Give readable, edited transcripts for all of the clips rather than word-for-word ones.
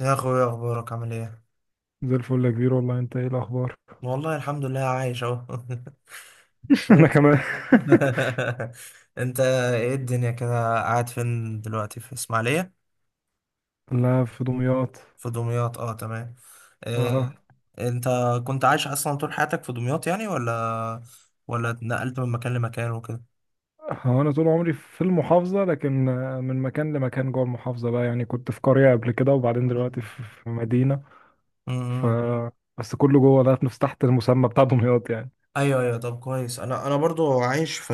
يا اخويا، اخبارك؟ عامل ايه؟ زي الفل يا كبير والله. انت ايه الاخبار؟ والله الحمد لله، عايش اهو. انا كمان. انت؟ ايه الدنيا كده؟ قاعد فين دلوقتي، في اسماعيلية؟ لا، في دمياط. في دمياط، اه تمام. إيه؟ اه، انت كنت عايش اصلا طول حياتك في دمياط يعني ولا اتنقلت من مكان لمكان وكده؟ هو انا طول عمري في المحافظه، لكن من مكان لمكان جوه المحافظه بقى يعني. كنت في قريه قبل كده، وبعدين مم. دلوقتي في مدينه. ف مم. بس كله جوه ده، نفس تحت المسمى بتاع دمياط يعني. ايوه ايوه، طب كويس. انا برضو عايش في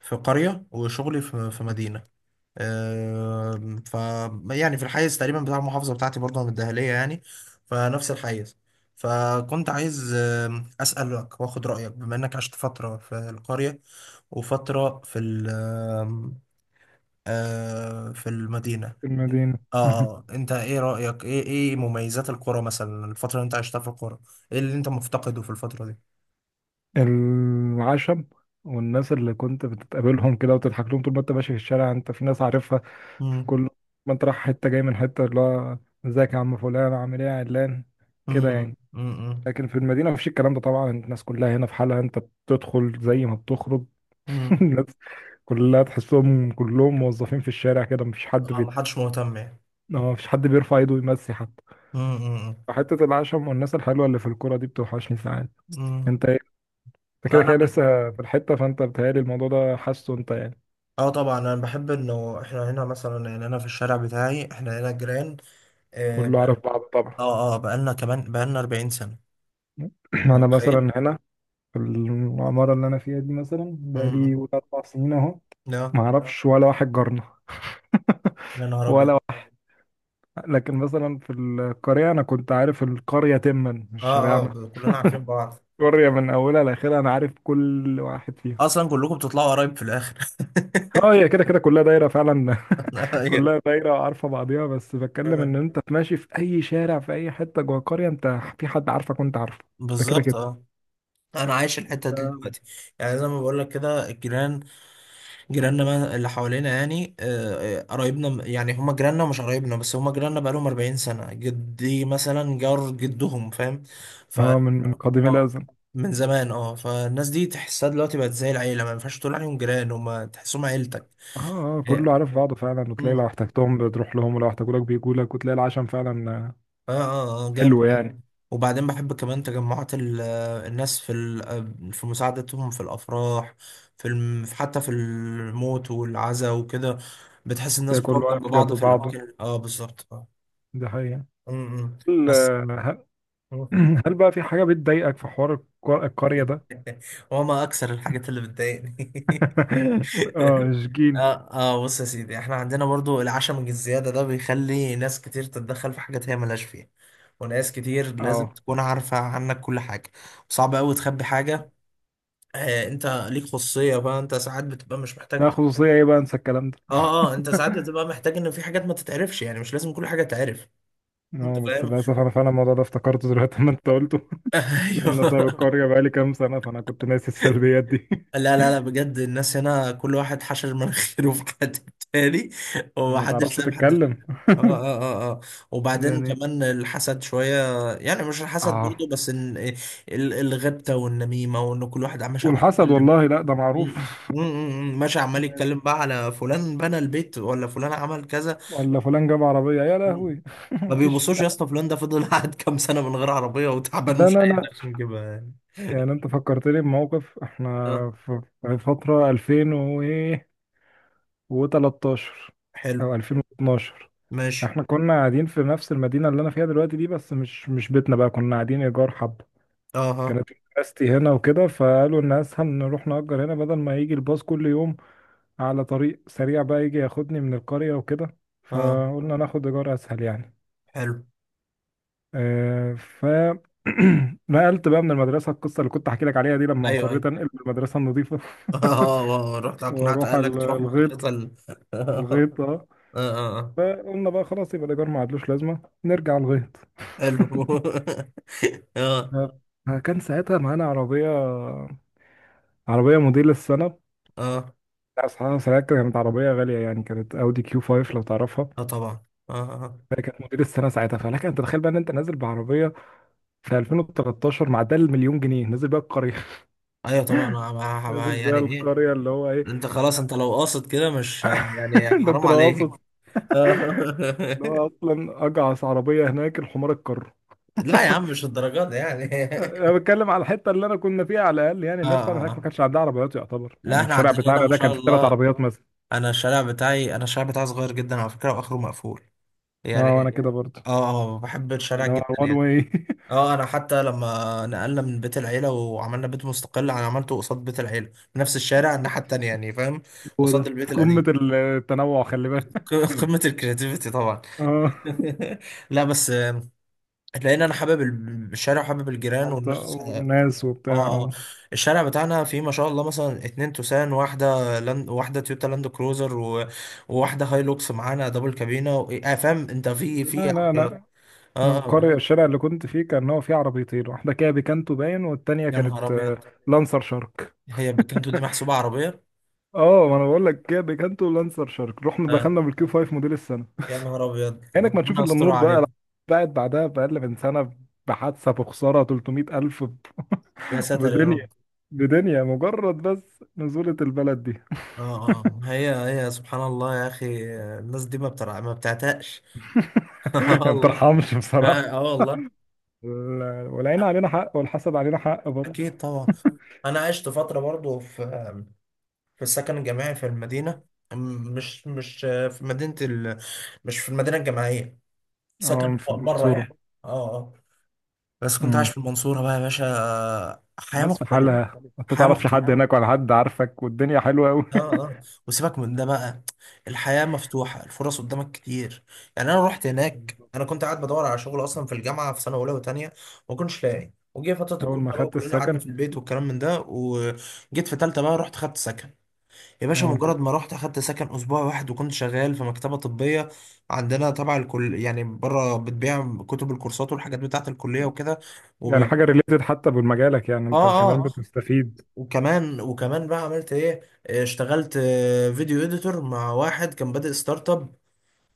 في قرية وشغلي في في مدينة. آم، ف يعني في الحيز تقريبا بتاع المحافظة بتاعتي برضه، من الدهلية يعني، فنفس الحيز. فكنت عايز أسألك وآخد رأيك بما إنك عشت فترة في القرية وفترة في ال آم، آه، في المدينة. المدينه. اه اه، انت ايه رأيك، ايه ايه مميزات القرى مثلا، الفترة اللي انت عشتها في القرى؟ ايه اللي انت مفتقده في الفترة دي؟ العشم، والناس اللي كنت بتتقابلهم كده وتضحك لهم طول ما انت ماشي في الشارع، انت في ناس عارفها في امم. كل ما انت رايح حتة، جاي من حتة، اللي هو ازيك يا عم فلان، عامل ايه يا علان، كده امم. يعني. امم. لكن في المدينة مفيش الكلام ده طبعا، الناس كلها هنا في حالها، انت بتدخل زي ما بتخرج. امم. الناس كلها تحسهم كلهم موظفين في الشارع كده، مفيش حد اه، بيت... محدش مهتم يعني. اه، مفيش حد بيرفع ايده يمسي حتى. امم. امم. حتة العشم والناس الحلوة اللي في الكرة دي بتوحشني ساعات. أمم. انت انت كده انا كده بال- لسه في الحتة، فانت بتهيألي الموضوع ده حاسه انت يعني. اه طبعا، انا بحب انه احنا هنا مثلا، يعني انا في الشارع بتاعي احنا هنا جيران. اه كله بقى- عارف بعض طبعا. اه بقالنا كمان بقالنا 40 سنة. أنت انا متخيل؟ مثلا هنا، في العمارة اللي انا فيها دي مثلا، بقالي امم. قول اربع سنين اهو. لا. ما اعرفش ولا واحد جارنا. يا نهار ابيض. ولا واحد. لكن مثلا في القرية انا كنت عارف القرية تما مش اه اه، شارعنا. كلنا عارفين بعض. القرية من اولها لاخرها انا عارف كل واحد فيهم. اصلا كلكم بتطلعوا قرايب في الاخر. اه، هي كده كده كلها دايره فعلا. أيوة. كلها دايره عارفه بعضيها، بس بتكلم ان انت ماشي في اي شارع، في اي حته جوه قريه، انت في حد عارفك وانت عارفه. ده كده بالظبط كده. اه. انا عايش الحتة دي دلوقتي، يعني زي ما بقول لك كده، الجيران جيراننا ما- اللي حوالينا يعني يعني هما جيراننا ومش قرايبنا، بس هما جيراننا بقالهم 40 سنة. جدي مثلا جار جدهم، فاهم؟ ف اه، من قديم اه الازل. من زمان اه. فالناس دي تحسها دلوقتي بقت زي العيلة، ما ينفعش تقول عليهم جيران، هما تحسهم عيلتك. اه اه، اه. كله عارف بعضه فعلا، وتلاقي مم. لو احتجتهم بتروح لهم، ولو احتاجولك بيجولك، وتلاقي العشم فعلا. اه جامد. حلو يعني. وبعدين بحب كمان تجمعات الناس في في مساعدتهم في الأفراح، حتى في الموت والعزا وكده. بتحس الناس تلاقي كله بتقف جنب واقف بعض جنب في بعضه. الأماكن، اه بالظبط دي حقيقة. أمم. هل بس آه، أمم. هل بقى في حاجة بتضايقك في حوار القرية ده؟ هو ما اكثر الحاجات اللي بتضايقني. اه شجين. اه اه، بص يا سيدي، احنا عندنا برضو العشم الزياده ده بيخلي ناس كتير تتدخل في حاجات هي ملهاش فيها، وناس كتير لازم اه، تكون عارفه عنك كل حاجه. صعب قوي تخبي حاجه. آه، انت ليك خصوصيه بقى، انت ساعات بتبقى مش ده محتاج. خصوصية ايه بقى؟ انسى الكلام ده. اه اه، انت ساعات بتبقى محتاج ان في حاجات ما تتعرفش يعني، مش لازم كل حاجه تعرف. انت اه، بس فاهم؟ للأسف أنا فعلا الموضوع ده افتكرته دلوقتي لما أنت قلته. لأن أنا سايب ايوه. القرية بقالي كام سنة، فأنا كنت ناسي السلبيات دي. لا لا لا، بجد الناس هنا كل واحد حشر مناخيره في حد تاني، وما ومحدش تعرفش ساب حد. اه تتكلم اه اه اه. وبعدين يعني. كمان الحسد شوية. يعني مش الحسد اه، برضو، بس ان الغبطة والنميمة، وان كل واحد ماشي عمال والحسد يتكلم. والله لا، ده م- معروف. ماشي عمال يعني يتكلم بقى على فلان بنى البيت، ولا فلان عمل كذا. ولا فلان جاب عربية يا م. لهوي. ما مفيش. بيبصوش لا يا اسطى فلان ده فضل قاعد كام سنة من غير عربية، وتعبان لا ومش لا قادر لا. عشان يجيبها يعني. يعني أنت فكرتني بموقف، اه. إحنا في في فترة 2000 و إيه و13 حلو. أو 2012، ماشي. إحنا كنا قاعدين في نفس المدينة اللي أنا فيها دلوقتي دي، بس مش بيتنا بقى، كنا قاعدين إيجار حب. اه اه كانت مدرستي هنا وكده، فقالوا ان اسهل نروح نأجر هنا بدل ما يجي الباص كل يوم على طريق سريع بقى يجي ياخدني من القرية وكده. اه. فقلنا ناخد ايجار اسهل يعني. حلو. آه، ف نقلت بقى من المدرسة، القصة اللي كنت احكي لك عليها دي، لما ايوه اصريت ايوه. انقل من المدرسة النظيفة اه، رحت اقنعت واروح اهلك تروح الغيط. المدرسة ال... اه الغيط اه. اه آه. فقلنا بقى خلاص يبقى الايجار ما عادلوش لازمة، نرجع الغيط. حلو. اه. آه، كان ساعتها معانا عربية، عربية موديل السنة. اه لا صراحة ساعتها كانت عربية غالية يعني، كانت اودي كيو 5 لو تعرفها. اه طبعا. اه اه كانت موديل السنة ساعتها، فلك انت تتخيل بقى ان انت نازل بعربية في 2013 مع ده المليون جنيه نازل بيها القرية. ايوه طبعا، نازل بيها يعني ايه. القرية اللي هو ايه؟ انت خلاص، انت لو قاصد كده مش يعني، ده انت حرام لو قاصد، عليك. اللي هو اصلا اجعص عربية هناك الحمار الكر. لا يا عم، مش الدرجات دي يعني. انا بتكلم على الحتة اللي انا كنا فيها على الاقل يعني، اه الناس فعلا اه هناك ما كانش عندها عربيات يعتبر. لا يعني احنا الشارع عندنا هنا بتاعنا ما ده شاء كان فيه ثلاث الله. عربيات مثلا. انا الشارع بتاعي صغير جدا على فكرة، واخره مقفول اه انا يعني. كده برضه. اه اه، بحب الشارع يعني هو جدا وان يعني. واي. اه، انا حتى لما نقلنا من بيت العيله وعملنا بيت مستقل، انا عملته قصاد بيت العيله في نفس الشارع الناحيه التانيه يعني، فاهم؟ هو قصاد ده البيت قمة القديم. التنوع، خلي بالك. قمه الكرياتيفيتي طبعا. اه، لا بس لان انا حابب الشارع، وحابب الجيران المنطقة والناس، اه. والناس وبتاع آه. آه. اه. الشارع بتاعنا فيه ما شاء الله مثلا اتنين توسان، واحده لاند، واحده تويوتا لاند كروزر، وواحده هاي لوكس معانا دبل كابينه و... آه، فاهم انت، في في لا لا عربيات. لا، من اه القرية الشارع اللي كنت فيه كان هو فيه عربيتين، واحدة كيا بيكانتو باين، والتانية يا نهار كانت ابيض. لانسر شارك. هي بكنتو دي محسوبه عربيه؟ اه، ما انا بقول لك كيا بيكانتو ولانسر شارك، رحنا آه. دخلنا بالكيو 5 موديل السنة. يا نهار ابيض، كأنك ما تشوف ربنا الا يستر النور عليك. بقى. بعدها بأقل من سنة، بحادثة، بخسارة 300 ألف، يا ساتر يا بدنيا. رب. بدنيا مجرد، بس نزولة البلد دي. اه هي هي سبحان الله يا اخي، الناس دي ما بترع، ما بتعتقش. آه ما والله. بترحمش اه. بصراحة. آه والله. والعين علينا حق، والحسد علينا حق برضه. اكيد طبعا. انا عشت فتره برضو في في السكن الجامعي في المدينه. م- مش مش في مدينه ال... مش في المدينه الجامعيه، سكن اه، في بره المنصورة. يعني. اه اه. بس كنت عايش امم، في المنصوره بقى يا باشا، حياه ناس في الناس مختلفه. حالها، بتعمل ما حياه تعرفش حد يعني مختلفه. هناك، ولا حد عارفك، والدنيا حلوه قوي. اه. اه. وسيبك من ده بقى، الحياة مفتوحة، الفرص قدامك كتير. يعني انا رحت هناك، بالظبط. انا كنت قاعد بدور على شغل اصلا في الجامعة في سنة اولى وتانية، ما كنتش لاقي. وجه فترة اول الكورونا ما بقى، خدت وكلنا قعدنا السكن في البيت والكلام من ده. وجيت في تالتة بقى، رحت خدت سكن. يا باشا، اه مجرد انت، ما رحت اخدت سكن، اسبوع واحد، وكنت شغال في مكتبة طبية عندنا تبع الكل يعني، بره، بتبيع كتب الكورسات والحاجات بتاعة الكلية وكده. يعني وب... حاجه ريليتد حتى بمجالك يعني انت اه كمان، اه اه. بتستفيد. وكمان وكمان بقى عملت ايه، اشتغلت فيديو اديتور مع واحد كان بادئ ستارت اب،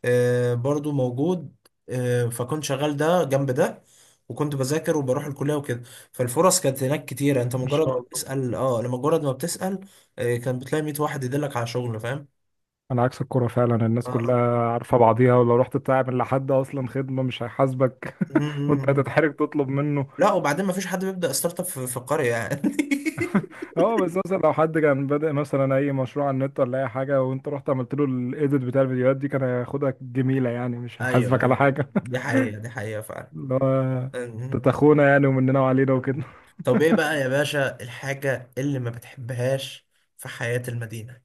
برضو موجود. فكنت شغال ده جنب ده، وكنت بذاكر وبروح الكلية وكده. فالفرص كانت هناك كتيرة، انت ما مم. مجرد شاء ما الله. بتسأل، اه لما مجرد ما بتسأل، كان بتلاقي 100 واحد يدلك على شغل، فاهم؟ انا عكس الكوره فعلا، الناس آه، آه. كلها عارفه بعضيها، ولو رحت تعمل لحد اصلا خدمه مش هيحاسبك، م- وانت م- م. هتتحرج تطلب منه. لا، وبعدين ما فيش حد بيبدأ ستارت اب في في القرية يعني. اه، بس مثلا لو حد كان بادئ مثلا اي مشروع على النت، ولا اي حاجه، وانت رحت عملت له الايديت بتاع الفيديوهات دي، كان هياخدها جميله يعني، مش ايوه هيحاسبك على ايوه، حاجه. دي حقيقة دي حقيقة فعلا. اللي هو تلت اخونا يعني، ومننا وعلينا وكده. طب ايه بقى يا باشا الحاجة اللي ما بتحبهاش في حياة المدينة؟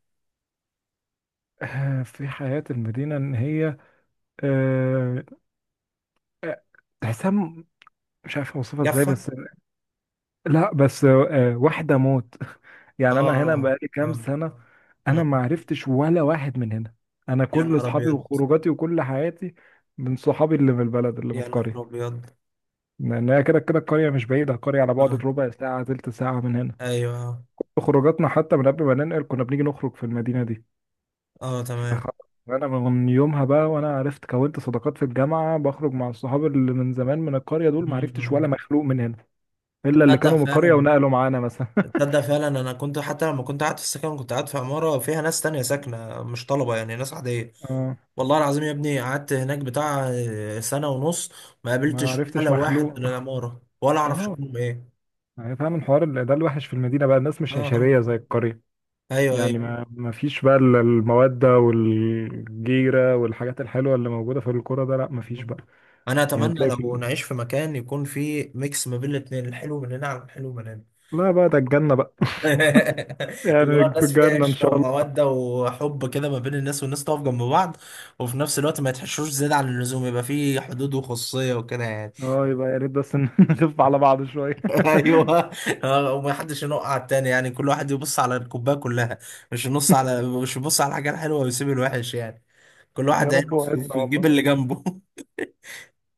في حياة المدينة، ان هي آه، آه، تحسها مش عارف اوصفها ازاي، جافة. بس لا بس واحدة موت. يعني انا هنا اه بقالي كام اه. سنة. مم. انا ما عرفتش ولا واحد من هنا. انا يا كل نهار اصحابي ابيض. وخروجاتي وكل حياتي من صحابي اللي من البلد، اللي من يا نهار القرية. ابيض. لان هي كده كده القرية مش بعيدة، القرية على بعد اه. ربع ساعة تلت ساعة من هنا. ايوه اه. خروجاتنا حتى من قبل ما ننقل كنا بنيجي نخرج في المدينة دي. فخ- تمام. فانا من يومها بقى وانا عرفت، كونت صداقات في الجامعه، بخرج مع الصحاب اللي من زمان من القريه دول. ما عرفتش ولا مم. مخلوق من هنا، الا اللي تصدق كانوا من القريه فعلا، ونقلوا معانا مثلا. تصدق فعلا، انا كنت حتى لما كنت قاعد في السكن، كنت قاعد في عمارة فيها ناس تانية ساكنة مش طلبة يعني، ناس عادية. اه، والله العظيم يا ابني، قعدت هناك بتاع سنة ونص، ما ما قابلتش عرفتش ولا واحد من مخلوق. العمارة ولا اعرف اه، شكلهم ايه. يعني فعلا حوار ده الوحش في المدينه بقى، الناس اه مش اه. عشريه زي القريه ايوه ايوه. يعني. ما فيش بقى الموده والجيره والحاجات الحلوه اللي موجوده في القرى ده، لا ما فيش بقى. انا يعني اتمنى تلاقي لو في، نعيش في مكان يكون فيه ميكس ما بين الاثنين، الحلو من هنا على الحلو من هنا. لا بقى ده الجنه بقى. اللي هو يعني في الناس فيها الجنه ان عشره شاء الله. وموده وحب كده ما بين الناس، والناس تقف جنب بعض، وفي نفس الوقت ما يتحشروش زياده عن اللزوم، يبقى فيه حدود وخصوصيه وكده يعني. اه، يبقى يا ريت بس إن نخف على بعض شويه. ايوه. وما حدش ينق على التاني يعني، كل واحد يبص على الكوبايه كلها، مش يبص على الحاجه الحلوه ويسيب الوحش يعني، كل يا واحد رب عينه في وعدنا في جيب والله. اللي جنبه.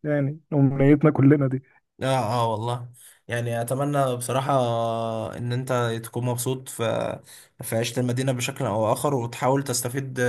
يعني أمنيتنا كلنا دي. اه. اه والله. يعني اتمنى بصراحة ان انت تكون مبسوط في في عيشة المدينة بشكل او اخر، وتحاول تستفيد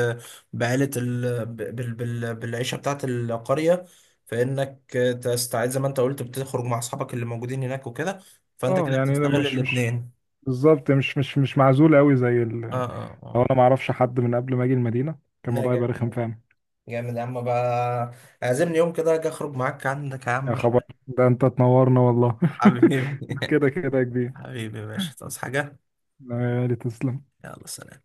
بعيلة ال... بال... بال... بالعيشة بتاعت القرية، فانك تستعيد زي ما انت قلت، بتخرج مع اصحابك اللي موجودين هناك وكده، فانت اه، كده يعني انا بتستغل مش الاتنين. بالظبط، مش معزول قوي زي ال... اه اه لو اه. انا ما اعرفش حد من قبل ما اجي المدينة كان لا الموضوع يبقى جامد، رخم، فاهم؟ جامد يا عم بقى. اعزمني يوم كده اجي اخرج معاك عندك يا عم، يا مش خبر، ده انت تنورنا والله. حبيبي. ده كده كده يا كبير. حبيبي يا باشا، تصحى حاجة؟ لا يا غالي تسلم. يلا سلام.